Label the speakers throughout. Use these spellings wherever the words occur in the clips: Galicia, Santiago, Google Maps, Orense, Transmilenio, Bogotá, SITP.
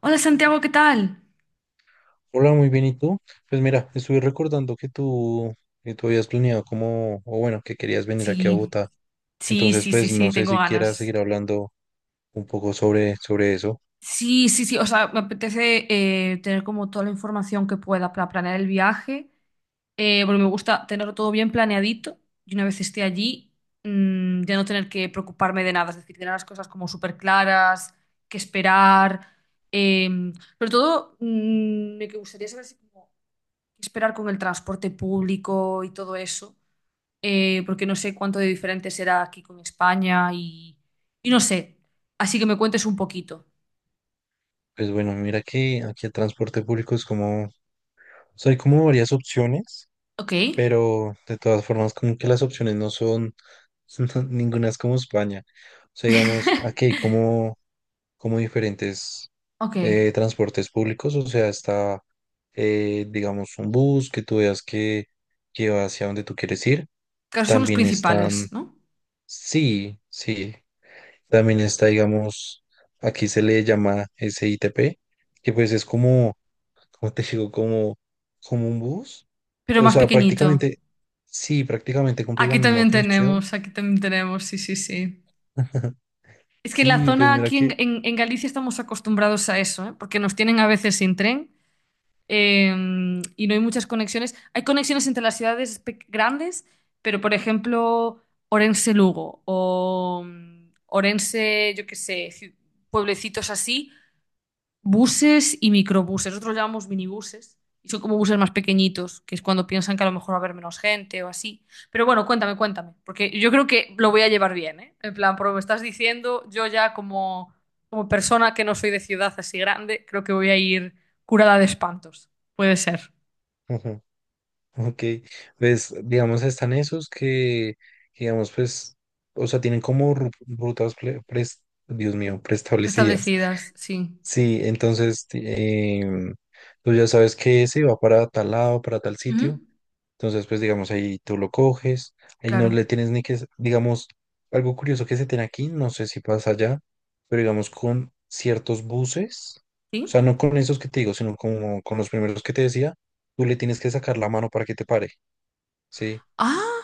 Speaker 1: Hola Santiago, ¿qué tal?
Speaker 2: Hola, muy bien, ¿y tú? Pues mira, estuve recordando que tú habías planeado como, o bueno, que querías venir aquí a
Speaker 1: Sí,
Speaker 2: Bogotá.
Speaker 1: sí,
Speaker 2: Entonces,
Speaker 1: sí, sí,
Speaker 2: pues
Speaker 1: sí,
Speaker 2: no sé
Speaker 1: tengo
Speaker 2: si quieras
Speaker 1: ganas.
Speaker 2: seguir hablando un poco sobre eso.
Speaker 1: Sí, sí, sí, o sea, me apetece tener como toda la información que pueda para planear el viaje, porque me gusta tenerlo todo bien planeadito y una vez esté allí, ya no tener que preocuparme de nada, es decir, tener las cosas como súper claras, qué esperar, eh, sobre todo me gustaría saber si como, qué esperar con el transporte público y todo eso, porque no sé cuánto de diferente será aquí con España y no sé. Así que me cuentes un poquito.
Speaker 2: Pues bueno, mira que aquí el transporte público es como, o sea, hay como varias opciones,
Speaker 1: Ok,
Speaker 2: pero de todas formas como que las opciones no son, ninguna es como España. O sea, digamos, aquí hay como diferentes
Speaker 1: ok.
Speaker 2: transportes públicos, o sea, está, digamos, un bus que tú veas que, lleva hacia donde tú quieres ir.
Speaker 1: Claro, son los
Speaker 2: También están,
Speaker 1: principales, ¿no?
Speaker 2: sí, sí, también está, digamos, aquí se le llama SITP, que pues es como, como te digo, como, como un bus.
Speaker 1: Pero
Speaker 2: O
Speaker 1: más
Speaker 2: sea,
Speaker 1: pequeñito.
Speaker 2: prácticamente, sí, prácticamente cumple la misma función.
Speaker 1: Aquí también tenemos, sí, sí, sí. Es que en la
Speaker 2: Sí, pues
Speaker 1: zona
Speaker 2: mira
Speaker 1: aquí en,
Speaker 2: que...
Speaker 1: en Galicia estamos acostumbrados a eso, ¿eh? Porque nos tienen a veces sin tren. eh, y no hay muchas conexiones. Hay conexiones entre las ciudades grandes, pero por ejemplo, Orense-Lugo o Orense, yo qué sé, pueblecitos así, buses y microbuses. Nosotros los llamamos minibuses. Y son como buses más pequeñitos, que es cuando piensan que a lo mejor va a haber menos gente o así. Pero bueno, cuéntame, cuéntame. Porque yo creo que lo voy a llevar bien, ¿eh? En plan, por lo que me estás diciendo, yo ya como, como persona que no soy de ciudad así grande, creo que voy a ir curada de espantos. Puede ser.
Speaker 2: Ok, pues digamos están esos digamos pues, o sea, tienen como rutas, Dios mío, preestablecidas.
Speaker 1: Establecidas, sí.
Speaker 2: Sí, entonces tú ya sabes que ese va para tal lado, para tal
Speaker 1: Ujú.
Speaker 2: sitio. Entonces, pues digamos ahí tú lo coges, ahí no le
Speaker 1: Claro.
Speaker 2: tienes ni que, digamos, algo curioso que se tiene aquí, no sé si pasa allá, pero digamos con ciertos buses, o
Speaker 1: ¿Sí?
Speaker 2: sea, no con esos que te digo, sino como con los primeros que te decía, tú le tienes que sacar la mano para que te pare. Sí,
Speaker 1: Ah,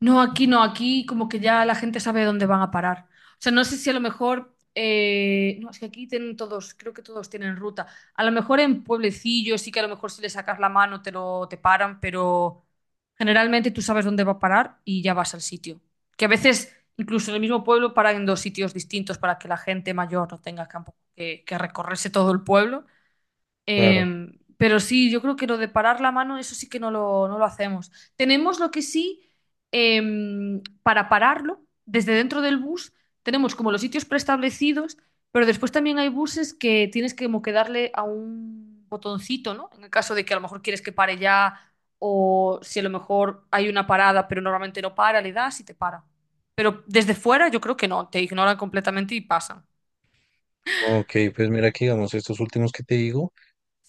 Speaker 1: no, aquí no, aquí como que ya la gente sabe dónde van a parar. O sea, no sé si a lo mejor, no, es que aquí tienen todos, creo que todos tienen ruta. A lo mejor en pueblecillos sí que a lo mejor si le sacas la mano te lo te paran, pero generalmente tú sabes dónde va a parar y ya vas al sitio. Que a veces incluso en el mismo pueblo paran en dos sitios distintos para que la gente mayor no tenga campo que recorrerse todo el pueblo.
Speaker 2: claro.
Speaker 1: Pero sí, yo creo que lo de parar la mano, eso sí que no no lo hacemos. Tenemos lo que sí, eh, para pararlo, desde dentro del bus, tenemos como los sitios preestablecidos, pero después también hay buses que tienes que como que darle a un botoncito, ¿no? En el caso de que a lo mejor quieres que pare ya, o si a lo mejor hay una parada, pero normalmente no para, le das y te para. Pero desde fuera yo creo que no, te ignoran completamente y pasan.
Speaker 2: Ok, pues mira que digamos, estos últimos que te digo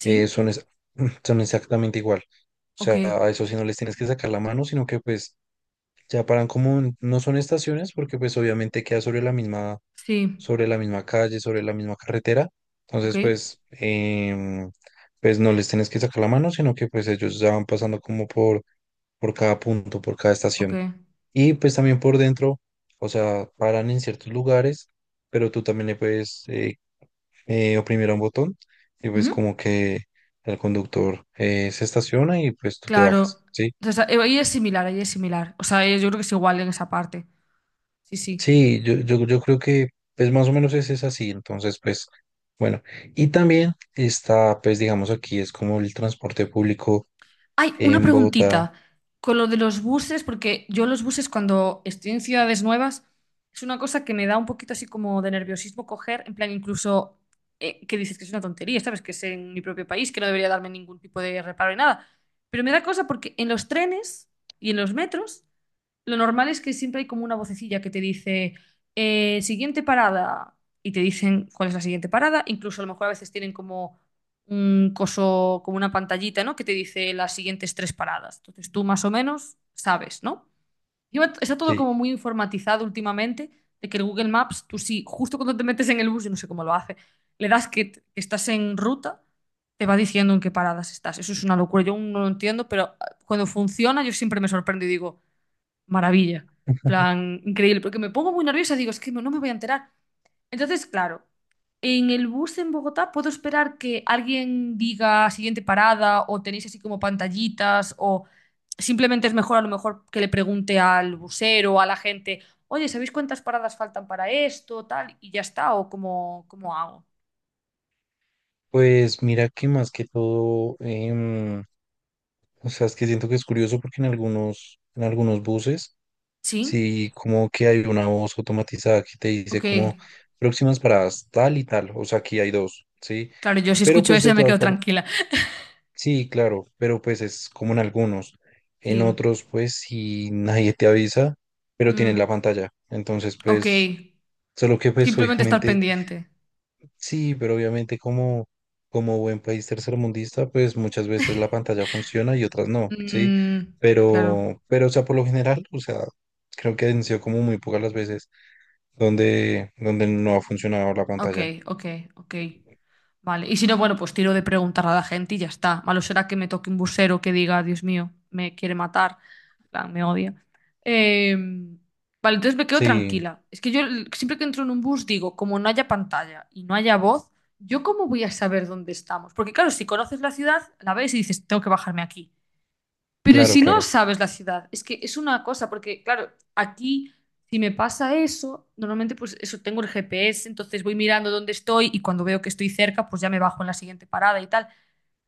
Speaker 2: eh, son, es- son exactamente igual. O
Speaker 1: Ok,
Speaker 2: sea, a eso sí no les tienes que sacar la mano, sino que pues ya paran como, no son estaciones, porque pues obviamente queda
Speaker 1: sí,
Speaker 2: sobre la misma calle, sobre la misma carretera.
Speaker 1: ok,
Speaker 2: Entonces, pues, pues no les tienes que sacar la mano, sino que pues ellos ya van pasando como por cada punto, por cada
Speaker 1: ok.
Speaker 2: estación. Y pues también por dentro, o sea, paran en ciertos lugares, pero tú también le puedes... oprimiera un botón y pues
Speaker 1: Ujú.
Speaker 2: como que el conductor se estaciona y pues tú te
Speaker 1: Claro.
Speaker 2: bajas, ¿sí?
Speaker 1: Entonces, ahí es similar, ahí es similar. O sea, yo creo que es igual en esa parte. Sí, sí.
Speaker 2: Sí, yo creo que pues más o menos es así, entonces pues bueno, y también está pues digamos aquí es como el transporte público
Speaker 1: Hay una
Speaker 2: en Bogotá,
Speaker 1: preguntita con lo de los buses, porque yo los buses cuando estoy en ciudades nuevas es una cosa que me da un poquito así como de nerviosismo coger, en plan incluso que dices que es una tontería, ¿sabes? Que es en mi propio país, que no debería darme ningún tipo de reparo ni nada. Pero me da cosa porque en los trenes y en los metros lo normal es que siempre hay como una vocecilla que te dice, siguiente parada, y te dicen cuál es la siguiente parada. Incluso a lo mejor a veces tienen como un coso, como una pantallita, ¿no? Que te dice las siguientes tres paradas. Entonces tú más o menos sabes, ¿no? Y está todo
Speaker 2: sí,
Speaker 1: como muy informatizado últimamente, de que el Google Maps, tú sí, justo cuando te metes en el bus, yo no sé cómo lo hace, le das que estás en ruta, te va diciendo en qué paradas estás. Eso es una locura, yo aún no lo entiendo, pero ah, cuando funciona yo siempre me sorprendo y digo maravilla. Plan, increíble, porque me pongo muy nerviosa, digo, es que no me voy a enterar. Entonces, claro, en el bus en Bogotá puedo esperar que alguien diga siguiente parada o tenéis así como pantallitas o simplemente es mejor a lo mejor que le pregunte al busero o a la gente, oye, ¿sabéis cuántas paradas faltan para esto, tal? Y ya está, o cómo, cómo hago.
Speaker 2: pues mira que más que todo, o sea, es que siento que es curioso porque en algunos buses.
Speaker 1: ¿Sí?
Speaker 2: Sí, como que hay una voz automatizada que te dice
Speaker 1: Ok.
Speaker 2: como próximas paradas tal y tal, o sea, aquí hay dos, ¿sí?
Speaker 1: Claro, yo si
Speaker 2: Pero
Speaker 1: escucho
Speaker 2: pues
Speaker 1: eso
Speaker 2: de
Speaker 1: ya me
Speaker 2: todas
Speaker 1: quedo
Speaker 2: formas,
Speaker 1: tranquila.
Speaker 2: sí, claro, pero pues es como en algunos, en
Speaker 1: Sí.
Speaker 2: otros pues si nadie te avisa, pero tienes
Speaker 1: Mm,
Speaker 2: la pantalla, entonces
Speaker 1: ok.
Speaker 2: pues, solo que pues
Speaker 1: Simplemente estar
Speaker 2: obviamente,
Speaker 1: pendiente.
Speaker 2: sí, pero obviamente como, como buen país tercermundista, pues muchas veces la pantalla funciona y otras no, ¿sí?
Speaker 1: Mm, claro.
Speaker 2: Pero o sea, por lo general, o sea, creo que han sido como muy pocas las veces donde no ha funcionado la
Speaker 1: Ok,
Speaker 2: pantalla.
Speaker 1: ok, ok. Vale. Y si no, bueno, pues tiro de preguntar a la gente y ya está. Malo será que me toque un busero que diga, Dios mío, me quiere matar. En plan, me odia. Eh, vale, entonces me quedo
Speaker 2: Sí,
Speaker 1: tranquila. Es que yo siempre que entro en un bus digo, como no haya pantalla y no haya voz, ¿yo cómo voy a saber dónde estamos? Porque claro, si conoces la ciudad, la ves y dices, tengo que bajarme aquí. Pero
Speaker 2: claro,
Speaker 1: si no
Speaker 2: claro.
Speaker 1: sabes la ciudad, es que es una cosa, porque claro, aquí si me pasa eso, normalmente pues eso tengo el GPS, entonces voy mirando dónde estoy y cuando veo que estoy cerca, pues ya me bajo en la siguiente parada y tal.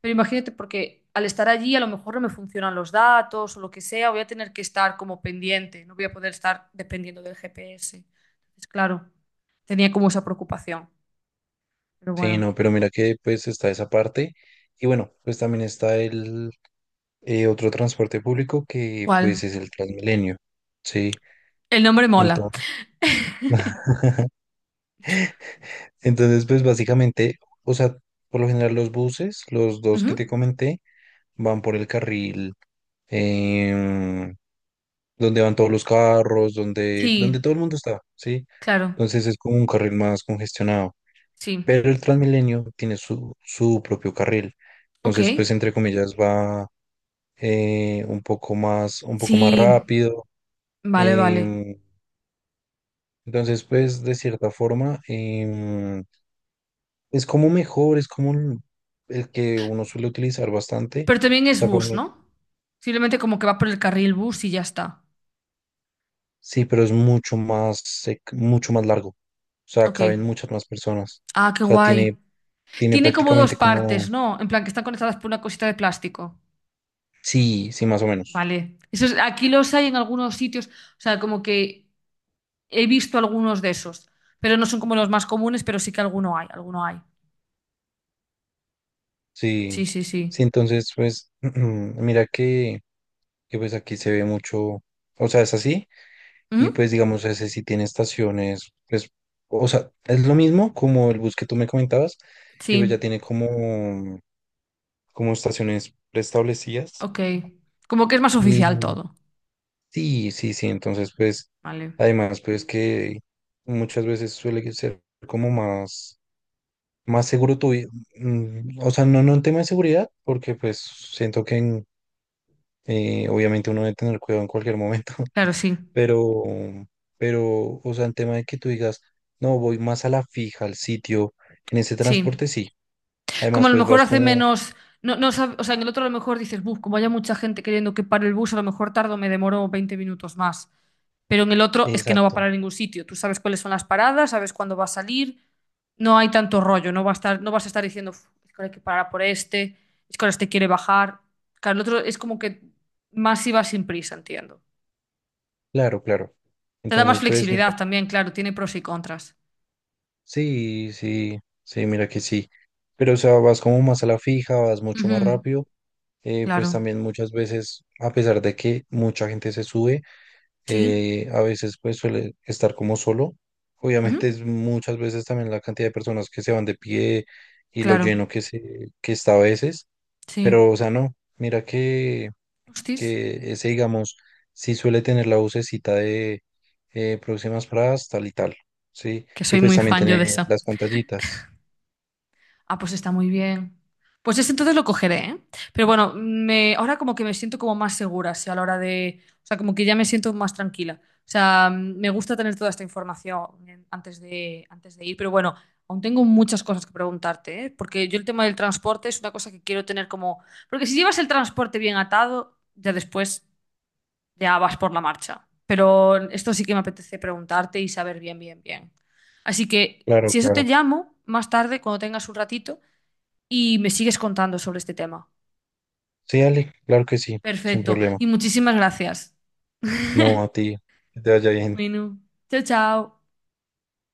Speaker 1: Pero imagínate, porque al estar allí a lo mejor no me funcionan los datos o lo que sea, voy a tener que estar como pendiente, no voy a poder estar dependiendo del GPS. Entonces, claro, tenía como esa preocupación. Pero
Speaker 2: Sí,
Speaker 1: bueno,
Speaker 2: no, pero mira que pues está esa parte y bueno, pues también está el otro transporte público que
Speaker 1: ¿cuál?
Speaker 2: pues es el Transmilenio. Sí,
Speaker 1: El nombre mola.
Speaker 2: entonces, entonces pues básicamente, o sea, por lo general los buses, los dos que te
Speaker 1: Ujú.
Speaker 2: comenté, van por el carril em, donde van todos los carros, donde
Speaker 1: Sí,
Speaker 2: todo el mundo está, ¿sí?
Speaker 1: claro,
Speaker 2: Entonces es como un carril más congestionado.
Speaker 1: sí.
Speaker 2: Pero el Transmilenio tiene su propio carril.
Speaker 1: Ok.
Speaker 2: Entonces, pues, entre comillas, va un poco más
Speaker 1: Sí,
Speaker 2: rápido.
Speaker 1: vale, vale.
Speaker 2: em, entonces, pues, de cierta forma, es como mejor, es como el que uno suele utilizar bastante.
Speaker 1: Pero también
Speaker 2: O
Speaker 1: es
Speaker 2: sea, por
Speaker 1: bus,
Speaker 2: mí,
Speaker 1: ¿no? Simplemente como que va por el carril bus y ya está.
Speaker 2: sí, pero es mucho más, mucho más largo. O sea,
Speaker 1: Ok.
Speaker 2: caben muchas más personas.
Speaker 1: Ah, qué
Speaker 2: O sea,
Speaker 1: guay.
Speaker 2: tiene, tiene
Speaker 1: Tiene como dos
Speaker 2: prácticamente como,
Speaker 1: partes, ¿no? En plan, que están conectadas por una cosita de plástico.
Speaker 2: sí, sí, más o menos.
Speaker 1: Vale. Aquí los hay en algunos sitios. O sea, como que he visto algunos de esos. Pero no son como los más comunes, pero sí que alguno hay, alguno hay.
Speaker 2: Sí,
Speaker 1: Sí, sí, sí.
Speaker 2: sí, entonces pues mira pues aquí se ve mucho, o sea, es así, y
Speaker 1: ¿Mm?
Speaker 2: pues digamos ese sí tiene estaciones, pues, o sea, es lo mismo como el bus que tú me comentabas, que
Speaker 1: Sí,
Speaker 2: pues ya tiene como, como estaciones preestablecidas,
Speaker 1: ok. Como que es más oficial
Speaker 2: y
Speaker 1: todo.
Speaker 2: sí, sí, sí, entonces pues,
Speaker 1: Vale.
Speaker 2: además pues que muchas veces suele ser como más, más seguro o sea, no en tema de seguridad, porque pues siento que en... obviamente uno debe tener cuidado en cualquier momento,
Speaker 1: Claro, sí.
Speaker 2: pero, pero, o sea, en tema de que tú digas, no, voy más a la fija, al sitio, en ese
Speaker 1: Sí.
Speaker 2: transporte sí.
Speaker 1: Como
Speaker 2: Además,
Speaker 1: a lo
Speaker 2: pues
Speaker 1: mejor
Speaker 2: vas
Speaker 1: hace
Speaker 2: como,
Speaker 1: menos. No, no, o sea, en el otro a lo mejor dices, "Buf, como haya mucha gente queriendo que pare el bus, a lo mejor tardo, me demoro 20 minutos más. Pero en el otro es que no va a
Speaker 2: exacto,
Speaker 1: parar en ningún sitio. Tú sabes cuáles son las paradas, sabes cuándo va a salir, no hay tanto rollo, no va a estar, no vas a estar diciendo, "Uf, es que ahora hay que parar por este, es que ahora este quiere bajar. Claro, el otro es como que más iba sin prisa, entiendo.
Speaker 2: claro, claro.
Speaker 1: Te da más
Speaker 2: Entonces, pues mira,
Speaker 1: flexibilidad también, claro, tiene pros y contras.
Speaker 2: sí, sí, sí, mira que sí. Pero, o sea, vas como más a la fija, vas mucho más
Speaker 1: Ujú.
Speaker 2: rápido.
Speaker 1: Claro.
Speaker 2: Pues también muchas veces, a pesar de que mucha gente se sube,
Speaker 1: Sí.
Speaker 2: a veces pues suele estar como solo. Obviamente
Speaker 1: Ujú.
Speaker 2: es muchas veces también la cantidad de personas que se van de pie y lo
Speaker 1: Claro.
Speaker 2: lleno que se, que está a veces,
Speaker 1: Sí.
Speaker 2: pero o sea, no, mira
Speaker 1: Hostis.
Speaker 2: que ese digamos sí suele tener la vocecita de próximas paradas tal y tal, ¿sí?
Speaker 1: Que
Speaker 2: Y
Speaker 1: soy
Speaker 2: pues
Speaker 1: muy
Speaker 2: también
Speaker 1: fan yo
Speaker 2: tener
Speaker 1: de esa.
Speaker 2: las pantallitas.
Speaker 1: Ah, pues está muy bien. Pues ese entonces lo cogeré, ¿eh? Pero bueno, me, ahora como que me siento como más segura, sí, a la hora de... O sea, como que ya me siento más tranquila. O sea, me gusta tener toda esta información antes de ir, pero bueno, aún tengo muchas cosas que preguntarte, ¿eh? Porque yo el tema del transporte es una cosa que quiero tener como... Porque si llevas el transporte bien atado, ya después ya vas por la marcha. Pero esto sí que me apetece preguntarte y saber bien, bien, bien. Así que,
Speaker 2: Claro,
Speaker 1: si eso te
Speaker 2: claro.
Speaker 1: llamo más tarde, cuando tengas un ratito, y me sigues contando sobre este tema.
Speaker 2: Sí, Ale, claro que sí, sin
Speaker 1: Perfecto.
Speaker 2: problema.
Speaker 1: Y muchísimas gracias.
Speaker 2: No, a ti, que te vaya bien.
Speaker 1: Bueno, chao, chao.